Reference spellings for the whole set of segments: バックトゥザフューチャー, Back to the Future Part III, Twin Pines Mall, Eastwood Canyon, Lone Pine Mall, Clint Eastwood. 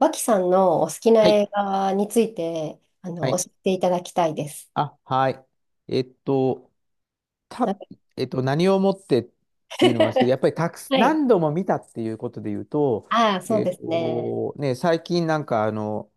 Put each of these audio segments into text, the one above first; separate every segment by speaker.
Speaker 1: 脇さんのお好きな
Speaker 2: はい。
Speaker 1: 映画について、
Speaker 2: は
Speaker 1: 教
Speaker 2: い。
Speaker 1: えていただきたいです。
Speaker 2: あ、はい。えっと、
Speaker 1: なん
Speaker 2: た、
Speaker 1: か
Speaker 2: えっと、何をもってっていうのもあるんですけど、やっぱりたくす、
Speaker 1: はい。
Speaker 2: 何度も見たっていうことで言うと、
Speaker 1: ああ、そうですね。
Speaker 2: ね、最近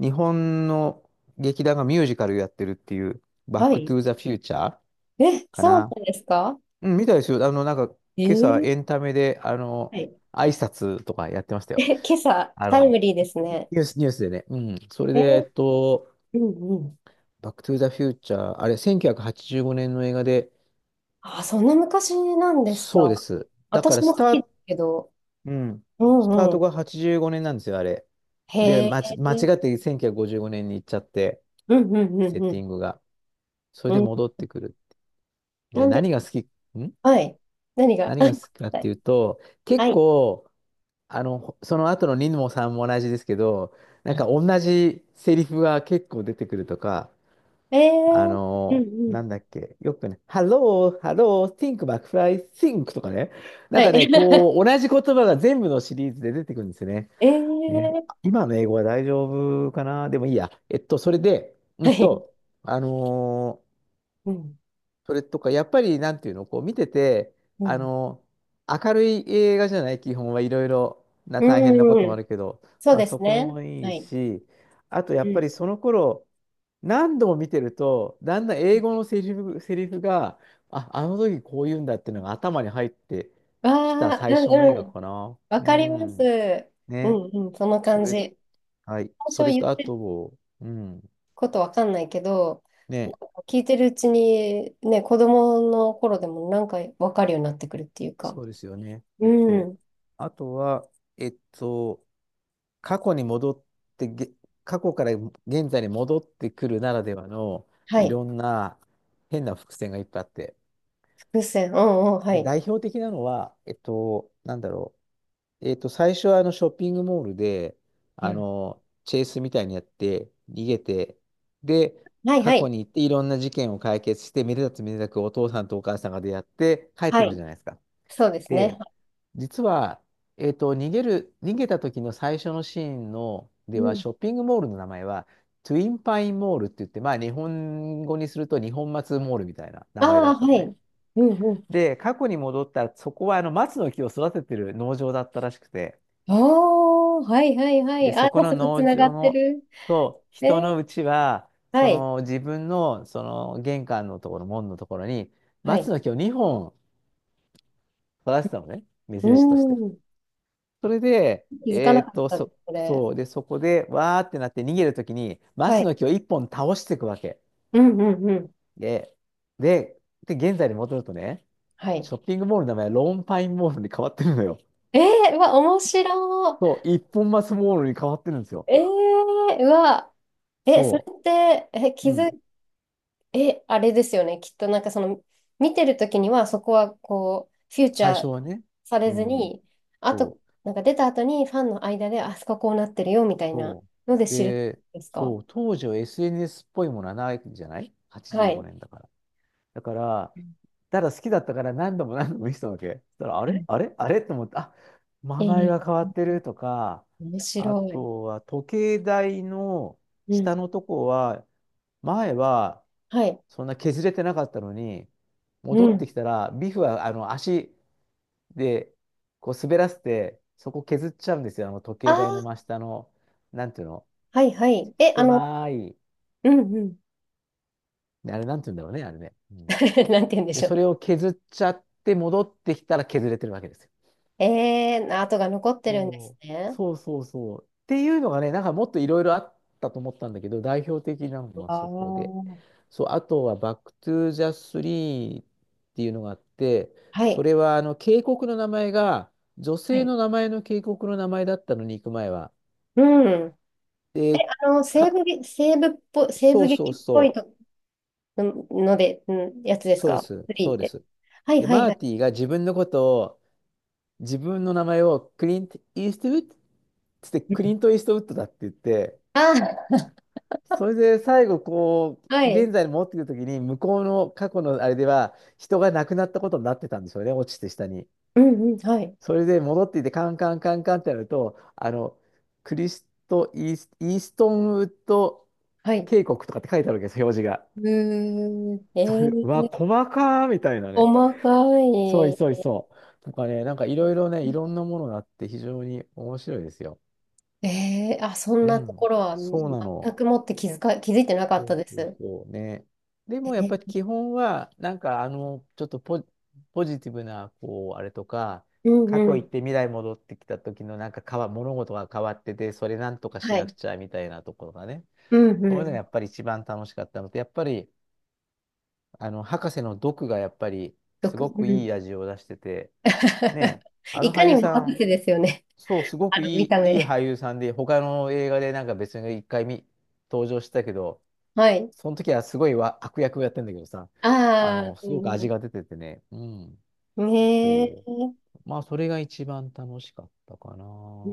Speaker 2: 日本の劇団がミュージカルやってるっていう、バッ
Speaker 1: は
Speaker 2: クト
Speaker 1: い。
Speaker 2: ゥーザフューチャー
Speaker 1: え、
Speaker 2: か
Speaker 1: そう
Speaker 2: な。
Speaker 1: なんですか？
Speaker 2: うん、見たですよ。
Speaker 1: え
Speaker 2: 今朝
Speaker 1: ー
Speaker 2: エンタメで、
Speaker 1: はい。
Speaker 2: 挨拶とかやってましたよ。
Speaker 1: え、今朝、
Speaker 2: あ
Speaker 1: タイ
Speaker 2: の、
Speaker 1: ムリーですね。
Speaker 2: ニュースでね。うん。それ
Speaker 1: え
Speaker 2: で、
Speaker 1: ーうんうん。
Speaker 2: バックトゥーザフューチャー、あれ、1985年の映画で、
Speaker 1: ああ、そんな昔なんです
Speaker 2: そうで
Speaker 1: か。
Speaker 2: す。だか
Speaker 1: 私
Speaker 2: ら
Speaker 1: も好きですけど。
Speaker 2: うん、
Speaker 1: う
Speaker 2: スタ
Speaker 1: ん
Speaker 2: ー
Speaker 1: う
Speaker 2: ト
Speaker 1: ん。
Speaker 2: が85年なんですよ、あれ。
Speaker 1: へ
Speaker 2: で、
Speaker 1: え。
Speaker 2: 間違って1955年に行っちゃって、
Speaker 1: うんうんう
Speaker 2: セ
Speaker 1: ん
Speaker 2: ッ
Speaker 1: う
Speaker 2: ティ
Speaker 1: ん。
Speaker 2: ングが。それ
Speaker 1: う
Speaker 2: で
Speaker 1: ん。
Speaker 2: 戻ってくる。
Speaker 1: な
Speaker 2: で、
Speaker 1: んで、
Speaker 2: ん
Speaker 1: はい。何が、
Speaker 2: 何が好きかっ
Speaker 1: は
Speaker 2: て
Speaker 1: い
Speaker 2: いうと、
Speaker 1: は
Speaker 2: 結
Speaker 1: い。
Speaker 2: 構、あの、その後のニもさんも同じですけど、なんか同じセリフが結構出てくるとか、
Speaker 1: え
Speaker 2: あ
Speaker 1: ー、う
Speaker 2: のー
Speaker 1: んうん。
Speaker 2: なんだっけ、よくね、Hello, Hello, Think McFly, Think とかね、な
Speaker 1: は
Speaker 2: んかね、
Speaker 1: い。
Speaker 2: こう、同じ言葉が全部のシリーズで出てくるんですよね。ね、
Speaker 1: ええ
Speaker 2: 今の英語は大丈夫かなでもいいや。それで、
Speaker 1: はい。
Speaker 2: あのー
Speaker 1: うん。
Speaker 2: それとか、やっぱり、なんていうの、こう、見てて、
Speaker 1: う
Speaker 2: あ
Speaker 1: ん。
Speaker 2: のー明るい映画じゃない、基本はいろいろな大変なこ
Speaker 1: う
Speaker 2: ともあ
Speaker 1: ん。
Speaker 2: るけど、
Speaker 1: そう
Speaker 2: まあ、
Speaker 1: で
Speaker 2: そ
Speaker 1: す
Speaker 2: こ
Speaker 1: ね。
Speaker 2: もい
Speaker 1: は
Speaker 2: い
Speaker 1: い。
Speaker 2: し、あと、や
Speaker 1: う
Speaker 2: っぱ
Speaker 1: ん。
Speaker 2: りその頃、何度も見てると、だんだん英語のセリフが、あの時こう言うんだっていうのが頭に入ってきた
Speaker 1: わあ、
Speaker 2: 最
Speaker 1: う
Speaker 2: 初の映
Speaker 1: んう
Speaker 2: 画
Speaker 1: ん。
Speaker 2: かな。
Speaker 1: わ
Speaker 2: う
Speaker 1: かりま
Speaker 2: ん。
Speaker 1: す。う
Speaker 2: ね。
Speaker 1: んうん。その
Speaker 2: そ
Speaker 1: 感
Speaker 2: れ、
Speaker 1: じ。
Speaker 2: はい。そ
Speaker 1: 最
Speaker 2: れ
Speaker 1: 初言っ
Speaker 2: とあ
Speaker 1: てる
Speaker 2: と、うん。
Speaker 1: ことわかんないけど、
Speaker 2: ね。
Speaker 1: 聞いてるうちに、ね、子供の頃でもなんかわかるようになってくるっていうか。
Speaker 2: そうですよね。
Speaker 1: う
Speaker 2: そ
Speaker 1: ん。
Speaker 2: う。あとは、えっと、過去に戻ってげ、過去から現在に戻ってくるならではの
Speaker 1: は
Speaker 2: い
Speaker 1: い。
Speaker 2: ろんな変な伏線がいっぱいあって。
Speaker 1: 伏線。うんうん。は
Speaker 2: で、
Speaker 1: い。
Speaker 2: 代表的なのは、なんだろう。最初はあのショッピングモールで、
Speaker 1: う
Speaker 2: あ
Speaker 1: ん。
Speaker 2: の、チェイスみたいにやって、逃げて、で、
Speaker 1: はい
Speaker 2: 過
Speaker 1: は
Speaker 2: 去
Speaker 1: い。
Speaker 2: に行っていろんな事件を解決して、めでたつめでたくお父さんとお母さんが出会って帰っ
Speaker 1: は
Speaker 2: てくる
Speaker 1: い。
Speaker 2: じゃないですか。
Speaker 1: そうですね。
Speaker 2: で、実は、逃げた時の最初のシーンの、で
Speaker 1: う
Speaker 2: は、
Speaker 1: ん。
Speaker 2: ショッピングモールの名前は、トゥインパインモールって言って、まあ、日本語にすると日本松モールみたいな
Speaker 1: あ
Speaker 2: 名前だ
Speaker 1: あ、
Speaker 2: った
Speaker 1: は
Speaker 2: のね。
Speaker 1: い。うんうん
Speaker 2: で、過去に戻ったら、そこはあの松の木を育ててる農場だったらしくて、
Speaker 1: おー、はいはいは
Speaker 2: で、
Speaker 1: い。あ、
Speaker 2: そこ
Speaker 1: 早
Speaker 2: の
Speaker 1: 速つ
Speaker 2: 農
Speaker 1: なが
Speaker 2: 場
Speaker 1: って
Speaker 2: の
Speaker 1: る。
Speaker 2: と
Speaker 1: え
Speaker 2: 人
Speaker 1: ー、
Speaker 2: のうちは、
Speaker 1: は
Speaker 2: そ
Speaker 1: い、
Speaker 2: の自分のその玄関のところ、門のところに
Speaker 1: は
Speaker 2: 松
Speaker 1: い。
Speaker 2: の木を2本育らせたのね、目
Speaker 1: う
Speaker 2: 印として。
Speaker 1: ーん。
Speaker 2: それで、
Speaker 1: 気づかなかったです、これ。
Speaker 2: そう、で、そこでわーってなって逃げるときに、
Speaker 1: は
Speaker 2: 松
Speaker 1: い。
Speaker 2: の木を1本倒していくわけ。
Speaker 1: うんうんうん。
Speaker 2: で、で、で、現在に戻るとね、
Speaker 1: は
Speaker 2: シ
Speaker 1: い。
Speaker 2: ョッピングモールの名前はローンパインモールに変わってるのよ。
Speaker 1: えー、うわ、面白
Speaker 2: そう、一本松モールに変わってるんですよ。
Speaker 1: い。えー、うわ、え、それ
Speaker 2: そ
Speaker 1: って、え、
Speaker 2: う。
Speaker 1: 気
Speaker 2: う
Speaker 1: づ、
Speaker 2: ん。
Speaker 1: え、あれですよね。きっとなんか見てるときにはそこはこう、フューチ
Speaker 2: 最
Speaker 1: ャ
Speaker 2: 初
Speaker 1: ー
Speaker 2: はね。
Speaker 1: さ
Speaker 2: う
Speaker 1: れず
Speaker 2: ん。
Speaker 1: に、あと、
Speaker 2: そう
Speaker 1: なんか出た後にファンの間で、あそここうなってるよみたいな
Speaker 2: そ
Speaker 1: ので
Speaker 2: う。
Speaker 1: 知るってこと
Speaker 2: で、
Speaker 1: ですか？
Speaker 2: そう、当時は SNS っぽいものはないんじゃない？
Speaker 1: は
Speaker 2: 85
Speaker 1: い。
Speaker 2: 年だから。だから、ただ好きだったから何度も何度も見せたわけ。そしたら、あれあれあれと思って、あ、
Speaker 1: え
Speaker 2: 名前
Speaker 1: ー、
Speaker 2: が変わってるとか、
Speaker 1: 面白
Speaker 2: あ
Speaker 1: い。
Speaker 2: とは時計台の
Speaker 1: う
Speaker 2: 下
Speaker 1: ん。
Speaker 2: のとこは、前は
Speaker 1: はい。
Speaker 2: そんな削れてなかったのに、
Speaker 1: う
Speaker 2: 戻って
Speaker 1: ん。
Speaker 2: きたら、ビフはあの足でこう滑らせて、そこ削っちゃうんですよ、あの時
Speaker 1: あ
Speaker 2: 計台の
Speaker 1: あ、
Speaker 2: 真下の。なんていうの、
Speaker 1: はいはい。え、あの、
Speaker 2: 狭い。
Speaker 1: うんうん。
Speaker 2: あれ、なんて言うんだろうね、あれね。うん。
Speaker 1: なんて言うんで
Speaker 2: で、
Speaker 1: しょう
Speaker 2: そ
Speaker 1: ね。
Speaker 2: れを削っちゃって戻ってきたら削れてるわけですよ。
Speaker 1: えー、跡が残ってるんで
Speaker 2: そ
Speaker 1: す
Speaker 2: う
Speaker 1: ね。
Speaker 2: そうそうそう。っていうのがね、なんかもっといろいろあったと思ったんだけど、代表的なのは
Speaker 1: あ
Speaker 2: そこで。
Speaker 1: あ。
Speaker 2: そう、あとはバックトゥーザスリーっていうのがあって、
Speaker 1: は
Speaker 2: そ
Speaker 1: い。
Speaker 2: れはあの渓谷の名前が女
Speaker 1: は
Speaker 2: 性
Speaker 1: い
Speaker 2: の名前の渓谷の名前だったのに行く前は。
Speaker 1: うん。
Speaker 2: で、
Speaker 1: あの、
Speaker 2: か、
Speaker 1: 西
Speaker 2: そ
Speaker 1: 部
Speaker 2: うそう
Speaker 1: 劇っぽい
Speaker 2: そう。
Speaker 1: とのので、うん、やつです
Speaker 2: そうで
Speaker 1: か
Speaker 2: す。
Speaker 1: フリ
Speaker 2: そ
Speaker 1: ーっ
Speaker 2: うで
Speaker 1: て。
Speaker 2: す。
Speaker 1: はい
Speaker 2: で、
Speaker 1: はい
Speaker 2: マー
Speaker 1: はい。
Speaker 2: ティが自分のことを自分の名前をクリント・イーストウッドつってクリント・イーストウッドだって言って、
Speaker 1: あ
Speaker 2: それで最後こ
Speaker 1: あ、は
Speaker 2: う、
Speaker 1: い。
Speaker 2: 現在に戻ってくるときに、向こうの過去のあれでは、人が亡くなったことになってたんでしょうね、落ちて下に。
Speaker 1: うんうん、はい。
Speaker 2: それで戻っていて、カンカンカンカンってやると、あの、クリスト・イース、イーストンウッド
Speaker 1: はい。
Speaker 2: 渓谷とかって書いてあるわけです、表示が。
Speaker 1: うーん。え
Speaker 2: それで、うわ、
Speaker 1: ー、
Speaker 2: 細かーみたいなね。
Speaker 1: 細か
Speaker 2: そうい
Speaker 1: い。
Speaker 2: そういそう。とかね、なんかいろいろね、いろんなものがあって非常に面白いですよ。
Speaker 1: ええあ、そん
Speaker 2: う
Speaker 1: なとこ
Speaker 2: ん、
Speaker 1: ろは
Speaker 2: そうな
Speaker 1: 全
Speaker 2: の。
Speaker 1: くもって気づか、気づいてなかっ
Speaker 2: そ
Speaker 1: た
Speaker 2: う
Speaker 1: で
Speaker 2: そう
Speaker 1: す。
Speaker 2: そうね。でもやっぱり
Speaker 1: え、
Speaker 2: 基本は、なんかあの、ちょっとポ、ポジティブな、こう、あれとか、
Speaker 1: うん
Speaker 2: 過
Speaker 1: う
Speaker 2: 去行っ
Speaker 1: ん。
Speaker 2: て未来戻ってきた時のなんか物事が変わってて、それなんとかし
Speaker 1: は
Speaker 2: なく
Speaker 1: い。
Speaker 2: ちゃみたいなところがね。
Speaker 1: うん
Speaker 2: そう
Speaker 1: う
Speaker 2: いうのが
Speaker 1: ん。
Speaker 2: やっぱり一番楽しかったのと、やっぱり、あの、博士の毒がやっぱり、
Speaker 1: よ
Speaker 2: す
Speaker 1: く、
Speaker 2: ご
Speaker 1: う
Speaker 2: く
Speaker 1: ん
Speaker 2: いい味を出してて、ね、あ
Speaker 1: い
Speaker 2: の
Speaker 1: か
Speaker 2: 俳
Speaker 1: に
Speaker 2: 優
Speaker 1: も
Speaker 2: さ
Speaker 1: 博
Speaker 2: ん、
Speaker 1: 士ですよね。
Speaker 2: そう、すご
Speaker 1: あ
Speaker 2: く
Speaker 1: の
Speaker 2: い
Speaker 1: 見
Speaker 2: い、
Speaker 1: た
Speaker 2: いい
Speaker 1: 目。
Speaker 2: 俳優さんで、他の映画でなんか別に一回見、登場したけど、
Speaker 1: はい。
Speaker 2: その時はすごいわ悪役をやってんだけどさ、あ
Speaker 1: あ
Speaker 2: の、
Speaker 1: あ、
Speaker 2: す
Speaker 1: う
Speaker 2: ごく味
Speaker 1: ん。
Speaker 2: が出ててね、うん、
Speaker 1: ねえ。
Speaker 2: そ
Speaker 1: う
Speaker 2: う。まあ、それが一番楽しかったかな。
Speaker 1: ん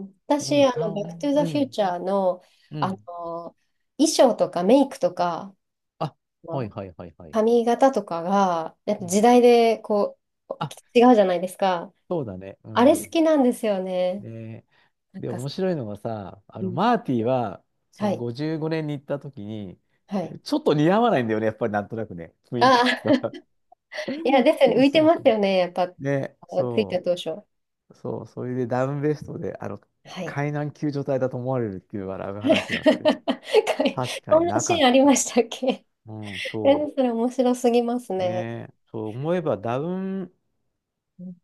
Speaker 1: うん
Speaker 2: う
Speaker 1: 私、
Speaker 2: ん、
Speaker 1: あ
Speaker 2: た
Speaker 1: の、バックト
Speaker 2: ん、
Speaker 1: ゥ
Speaker 2: う
Speaker 1: ザフュー
Speaker 2: ん、
Speaker 1: チャーの、
Speaker 2: う
Speaker 1: あ
Speaker 2: ん。
Speaker 1: の、衣装とかメイクとか、
Speaker 2: あ、
Speaker 1: あ
Speaker 2: はい
Speaker 1: の
Speaker 2: はいはいはい。
Speaker 1: 髪型とかが、やっ
Speaker 2: う
Speaker 1: ぱ
Speaker 2: ん。
Speaker 1: 時代でこ
Speaker 2: あ、
Speaker 1: う、違うじゃないですか。
Speaker 2: そうだね、う
Speaker 1: あれ好
Speaker 2: ん。
Speaker 1: きなんですよね。
Speaker 2: で、
Speaker 1: なん
Speaker 2: で、
Speaker 1: か
Speaker 2: 面白いのがさ、あ
Speaker 1: う
Speaker 2: の、
Speaker 1: ん。
Speaker 2: マーティは、そ
Speaker 1: は
Speaker 2: の
Speaker 1: い。
Speaker 2: 55年に行った時に、
Speaker 1: はい。
Speaker 2: ちょっと似合わないんだよね、やっぱりなんとなくね、雰囲気
Speaker 1: ああ、
Speaker 2: が さ。
Speaker 1: いや、で すよね。
Speaker 2: そ
Speaker 1: 浮
Speaker 2: う
Speaker 1: い
Speaker 2: そ
Speaker 1: て
Speaker 2: う
Speaker 1: ま
Speaker 2: そ
Speaker 1: すよ
Speaker 2: う。
Speaker 1: ね。やっぱ、
Speaker 2: ね、
Speaker 1: ついた
Speaker 2: そ
Speaker 1: 当初。
Speaker 2: う。そう、それでダウンベストで、あの、
Speaker 1: はい。
Speaker 2: 海難救助隊だと思われるっていう笑う話 があって、
Speaker 1: かい
Speaker 2: 確か
Speaker 1: そん
Speaker 2: に
Speaker 1: な
Speaker 2: な
Speaker 1: シ
Speaker 2: か
Speaker 1: ー
Speaker 2: っ
Speaker 1: ンありま
Speaker 2: た。
Speaker 1: したっけ？
Speaker 2: うん、
Speaker 1: え、
Speaker 2: そ
Speaker 1: それ面白すぎます
Speaker 2: う。ね
Speaker 1: ね。
Speaker 2: え、そう思えばダウン
Speaker 1: うん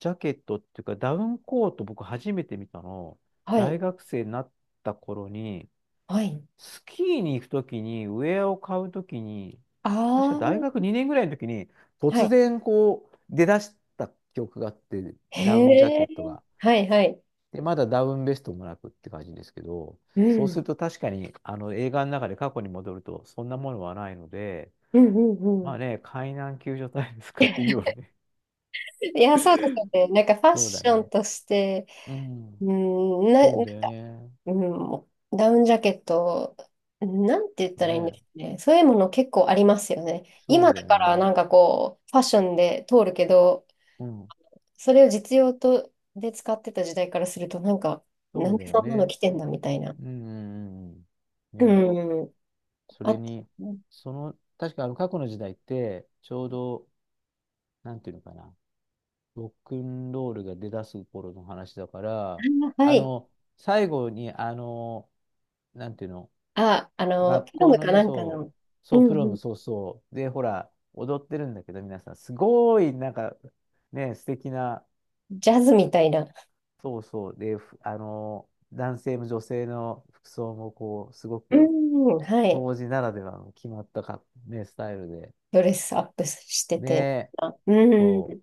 Speaker 2: ジャケットっていうか、ダウンコート僕初めて見たの、
Speaker 1: は
Speaker 2: 大
Speaker 1: い。
Speaker 2: 学生になった頃に、
Speaker 1: はい。
Speaker 2: スキーに行くときに、ウェアを買うときに、確か大
Speaker 1: あ
Speaker 2: 学2年ぐらいの時に、
Speaker 1: あ、は
Speaker 2: 突
Speaker 1: い。
Speaker 2: 然こう、出だした記憶があって、ダウンジャ
Speaker 1: へ
Speaker 2: ケ
Speaker 1: え。
Speaker 2: ットが。
Speaker 1: はい、はい。
Speaker 2: で、まだダウンベストもなくって感じですけど、
Speaker 1: う
Speaker 2: そうす
Speaker 1: ん。
Speaker 2: ると確かにあの映画の中で過去に戻るとそんなものはないので、
Speaker 1: うん、うん、う
Speaker 2: ま
Speaker 1: ん。
Speaker 2: あね、海難救助隊ですかっていうよね。
Speaker 1: いや、そうですよね。なんかフ ァッ
Speaker 2: そう
Speaker 1: シ
Speaker 2: だ
Speaker 1: ョン
Speaker 2: ね。
Speaker 1: として、
Speaker 2: うん。
Speaker 1: うん、な、
Speaker 2: そ
Speaker 1: な
Speaker 2: う
Speaker 1: んか、
Speaker 2: だよね。
Speaker 1: うん、ダウンジャケット、なんて言ったらいいんで
Speaker 2: ね。
Speaker 1: すかね。そういうもの結構ありますよね。
Speaker 2: そう
Speaker 1: 今
Speaker 2: だ
Speaker 1: だ
Speaker 2: よ
Speaker 1: から
Speaker 2: ね。
Speaker 1: なんかこう、ファッションで通るけど、
Speaker 2: うん。
Speaker 1: それを実用とで使ってた時代からすると、なんか、な
Speaker 2: そ
Speaker 1: ん
Speaker 2: うだ
Speaker 1: で
Speaker 2: よ
Speaker 1: そんなの
Speaker 2: ね。
Speaker 1: 着てんだみたいな。
Speaker 2: うんうんうんうん。ね。
Speaker 1: うん。
Speaker 2: そ
Speaker 1: あ
Speaker 2: れ
Speaker 1: と、
Speaker 2: に、その、確かあの過去の時代って、ちょうど、なんていうのかな。ロックンロールが出だす頃の話だから、
Speaker 1: あは
Speaker 2: あ
Speaker 1: い。
Speaker 2: の、最後に、なんていうの、
Speaker 1: あ、あの、
Speaker 2: 学
Speaker 1: ピロ
Speaker 2: 校
Speaker 1: ム
Speaker 2: の
Speaker 1: か
Speaker 2: ね、
Speaker 1: なんか
Speaker 2: そ
Speaker 1: の、
Speaker 2: う、
Speaker 1: う
Speaker 2: そう、
Speaker 1: ん
Speaker 2: プロ
Speaker 1: う
Speaker 2: ム、
Speaker 1: ん、
Speaker 2: そうそう、で、ほら、踊ってるんだけど、皆さん、すごい、なんか、ね、素敵な、
Speaker 1: ジャズみたいな。
Speaker 2: そうそう、で、ふあの、男性も女性の服装も、こう、すご
Speaker 1: う
Speaker 2: く、
Speaker 1: ん、はい。
Speaker 2: 当時ならではの決まったか、ね、スタイルで、
Speaker 1: ドレスアップしてて。
Speaker 2: ね、
Speaker 1: あうん、う
Speaker 2: そう、
Speaker 1: ん、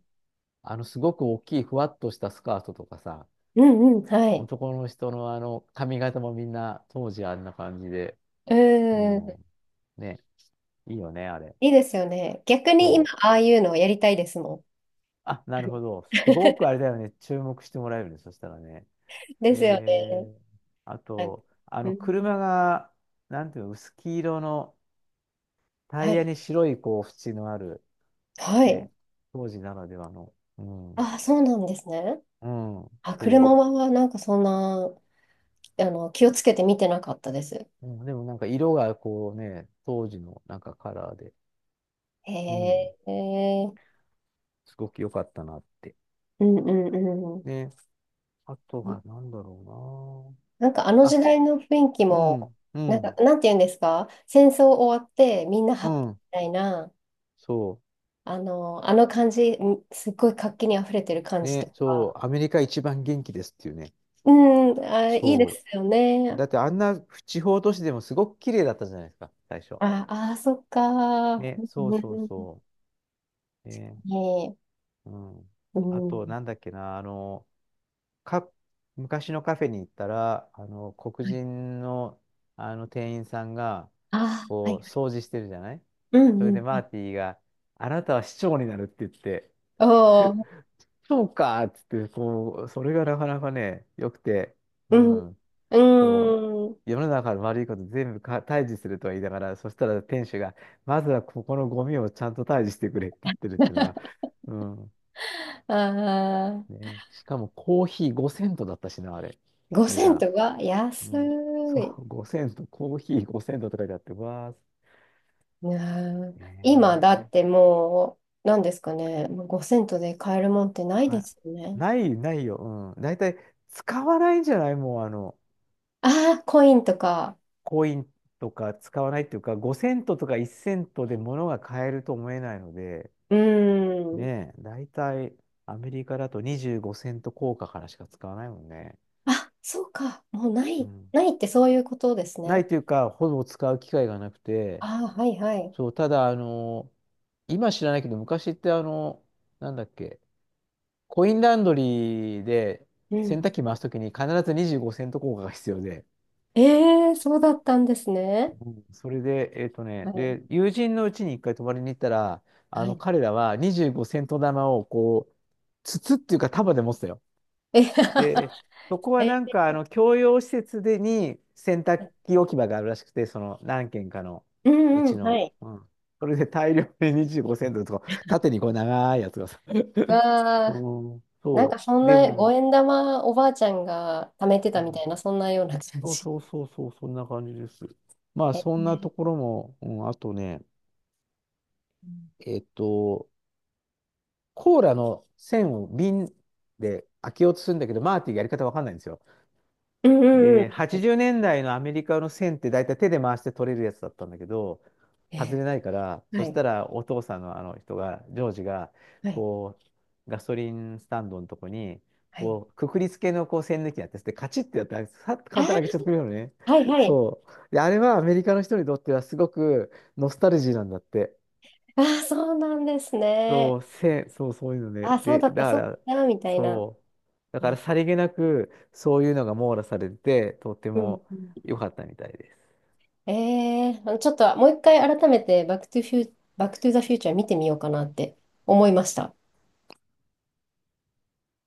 Speaker 2: すごく大きい、ふわっとしたスカートとかさ、
Speaker 1: うん、はい。
Speaker 2: 男の人の髪型もみんな当時あんな感じで。
Speaker 1: う
Speaker 2: う
Speaker 1: ん、
Speaker 2: ん。ね。いいよね、あれ。
Speaker 1: いいですよね。逆に今、
Speaker 2: そ
Speaker 1: あ
Speaker 2: う。
Speaker 1: あいうのをやりたいですもん。
Speaker 2: あ、なるほど。すご くあれだよね。注目してもらえるね。そしたらね。
Speaker 1: で
Speaker 2: え
Speaker 1: すよね。
Speaker 2: ー、あ
Speaker 1: はい
Speaker 2: と、
Speaker 1: うん、
Speaker 2: 車が、なんていうの、薄黄色のタ
Speaker 1: は
Speaker 2: イヤ
Speaker 1: い。
Speaker 2: に白い、こう、縁のある、
Speaker 1: はい。
Speaker 2: ね、当時ならではの。うん。
Speaker 1: ああ、そうなんですね。
Speaker 2: うん、
Speaker 1: あ、車
Speaker 2: そ
Speaker 1: はなんかそんな、あの、気をつけて見てなかったです。
Speaker 2: う。うん、でもなんか色がこうね、当時のなんかカラーで、
Speaker 1: へ
Speaker 2: うん、
Speaker 1: え、
Speaker 2: すごく良かったなって。
Speaker 1: うんうんうん。
Speaker 2: ね。あとは何だろう
Speaker 1: なんかあの
Speaker 2: な。
Speaker 1: 時
Speaker 2: あ、
Speaker 1: 代の雰囲気
Speaker 2: う
Speaker 1: も、
Speaker 2: ん、う
Speaker 1: なんか、
Speaker 2: ん、
Speaker 1: なんて言うんですか、戦争終わってみんな
Speaker 2: う
Speaker 1: ハッピー
Speaker 2: ん。
Speaker 1: みたいな、
Speaker 2: そ
Speaker 1: あの感じ、んすっごい活気にあふれてる
Speaker 2: う。
Speaker 1: 感じと
Speaker 2: ね、そ
Speaker 1: か、
Speaker 2: う。アメリカ一番元気ですっていうね。
Speaker 1: うん、あ、いいで
Speaker 2: そう。
Speaker 1: すよね。
Speaker 2: だってあんな地方都市でもすごく綺麗だったじゃないですか、最初。
Speaker 1: あ、あ、そっか。う
Speaker 2: ね、
Speaker 1: ん
Speaker 2: そう
Speaker 1: うん
Speaker 2: そう
Speaker 1: うん
Speaker 2: そう。ね、
Speaker 1: ね
Speaker 2: うん。
Speaker 1: え、
Speaker 2: あ
Speaker 1: うん。は
Speaker 2: と、なんだっけな、か、昔のカフェに行ったら、黒
Speaker 1: い。
Speaker 2: 人の、あの店員さんが、
Speaker 1: あ、はい
Speaker 2: こう、
Speaker 1: はい。
Speaker 2: 掃除してるじゃない。
Speaker 1: う
Speaker 2: そ
Speaker 1: んう
Speaker 2: れで
Speaker 1: ん。
Speaker 2: マー
Speaker 1: あ
Speaker 2: ティが、あなたは市長になるって言って、
Speaker 1: おー、
Speaker 2: そうかっつって、こう、それがなかなかね、良くて、うん、
Speaker 1: う
Speaker 2: そう、
Speaker 1: ん。うん。
Speaker 2: 世の中の悪いこと全部退治するとは言いながら、そしたら店主が、まずはここのゴミをちゃんと退治してくれって言ってるっていうのは、うん、
Speaker 1: あ
Speaker 2: ね、しかもコーヒー5セントだったしな、あれ、
Speaker 1: ー、5
Speaker 2: 値
Speaker 1: セン
Speaker 2: 段。
Speaker 1: トが
Speaker 2: う
Speaker 1: 安
Speaker 2: ん、そ
Speaker 1: い。
Speaker 2: う、5セント、コーヒー5セントとか書いてあって、うわ
Speaker 1: なあ
Speaker 2: ー、え
Speaker 1: 今だっ
Speaker 2: ー、
Speaker 1: てもう、何ですかね。5セントで買えるもんってないで
Speaker 2: か、
Speaker 1: すよね。
Speaker 2: ない、ないよ、うん、大体使わないんじゃないもう、
Speaker 1: ああ、コインとか。
Speaker 2: コインとか使わないっていうか、5セントとか1セントで物が買えると思えないので、
Speaker 1: うん。
Speaker 2: ねえ、大体アメリカだと25セント硬貨からしか使わないもんね。
Speaker 1: あ、そうか。もうな
Speaker 2: う
Speaker 1: い。
Speaker 2: ん、
Speaker 1: ないってそういうことです
Speaker 2: な
Speaker 1: ね。
Speaker 2: いというか、ほぼ使う機会がなくて、
Speaker 1: ああ、はいはい。
Speaker 2: そう、ただ、今知らないけど、昔ってなんだっけ、コインランドリーで
Speaker 1: う
Speaker 2: 洗濯
Speaker 1: ん。
Speaker 2: 機回すときに必ず25セント硬貨が必要で、
Speaker 1: ええそうだったんですね。
Speaker 2: うんそれで、
Speaker 1: はい。
Speaker 2: で、友人のうちに一回泊まりに行ったら、
Speaker 1: はい。
Speaker 2: 彼らは25セント玉をこう、筒っていうか束で持ってたよ。
Speaker 1: え、
Speaker 2: で、そこは なん
Speaker 1: え、
Speaker 2: か、共用施設でに洗濯機置き場があるらしくて、その何軒かの
Speaker 1: う
Speaker 2: う
Speaker 1: んう
Speaker 2: ち
Speaker 1: ん。は
Speaker 2: の、
Speaker 1: い。
Speaker 2: うん。それで大量で25セントとか、縦にこう長いやつがさ。
Speaker 1: わ
Speaker 2: う
Speaker 1: あ、
Speaker 2: ん、
Speaker 1: なんか
Speaker 2: そ
Speaker 1: そ
Speaker 2: う。
Speaker 1: ん
Speaker 2: で
Speaker 1: な五
Speaker 2: も、
Speaker 1: 円玉おばあちゃんが貯めて
Speaker 2: う
Speaker 1: たみた
Speaker 2: ん、
Speaker 1: いな、そんなような感
Speaker 2: そう
Speaker 1: じ。
Speaker 2: そうそうそう、そんな感じです。まあ、
Speaker 1: え
Speaker 2: そんなとこ
Speaker 1: ー、
Speaker 2: ろも、うん、あとね、えっと、コーラの栓を瓶で開けようとするんだけど、マーティがやり方わかんないんですよ。
Speaker 1: うんうんう
Speaker 2: で、
Speaker 1: ん
Speaker 2: 80年代のアメリカの栓って大体手で回して取れるやつだったんだけど、外
Speaker 1: え
Speaker 2: れないから、そ
Speaker 1: は
Speaker 2: し
Speaker 1: い。
Speaker 2: たらお父さんのあの人が、ジョージが、
Speaker 1: はい。
Speaker 2: こう、ガソリンスタンドのとこに、
Speaker 1: はい。
Speaker 2: こう、くくりつけのこう栓抜きやってて、カチッてやって、さっと
Speaker 1: あ
Speaker 2: 簡単に開けちゃって
Speaker 1: ー、
Speaker 2: くれるのね。
Speaker 1: はいはい。
Speaker 2: そう。で、あれはアメリカの人にとってはすごくノスタルジーなんだって。
Speaker 1: ああ、そうなんですね。
Speaker 2: そう、そういうの
Speaker 1: あ
Speaker 2: で、
Speaker 1: ー、そう
Speaker 2: で、
Speaker 1: だっ
Speaker 2: だ
Speaker 1: た、
Speaker 2: か
Speaker 1: そう
Speaker 2: ら、
Speaker 1: だった、みたいな。
Speaker 2: そう、だか
Speaker 1: え
Speaker 2: ら
Speaker 1: ん
Speaker 2: さりげなく、そういうのが網羅されてて、とって
Speaker 1: うん。
Speaker 2: も良かったみたいです。
Speaker 1: えー、ちょっともう一回改めてバックトゥフュー、バックトゥザフューチャー見てみようかなって思いました。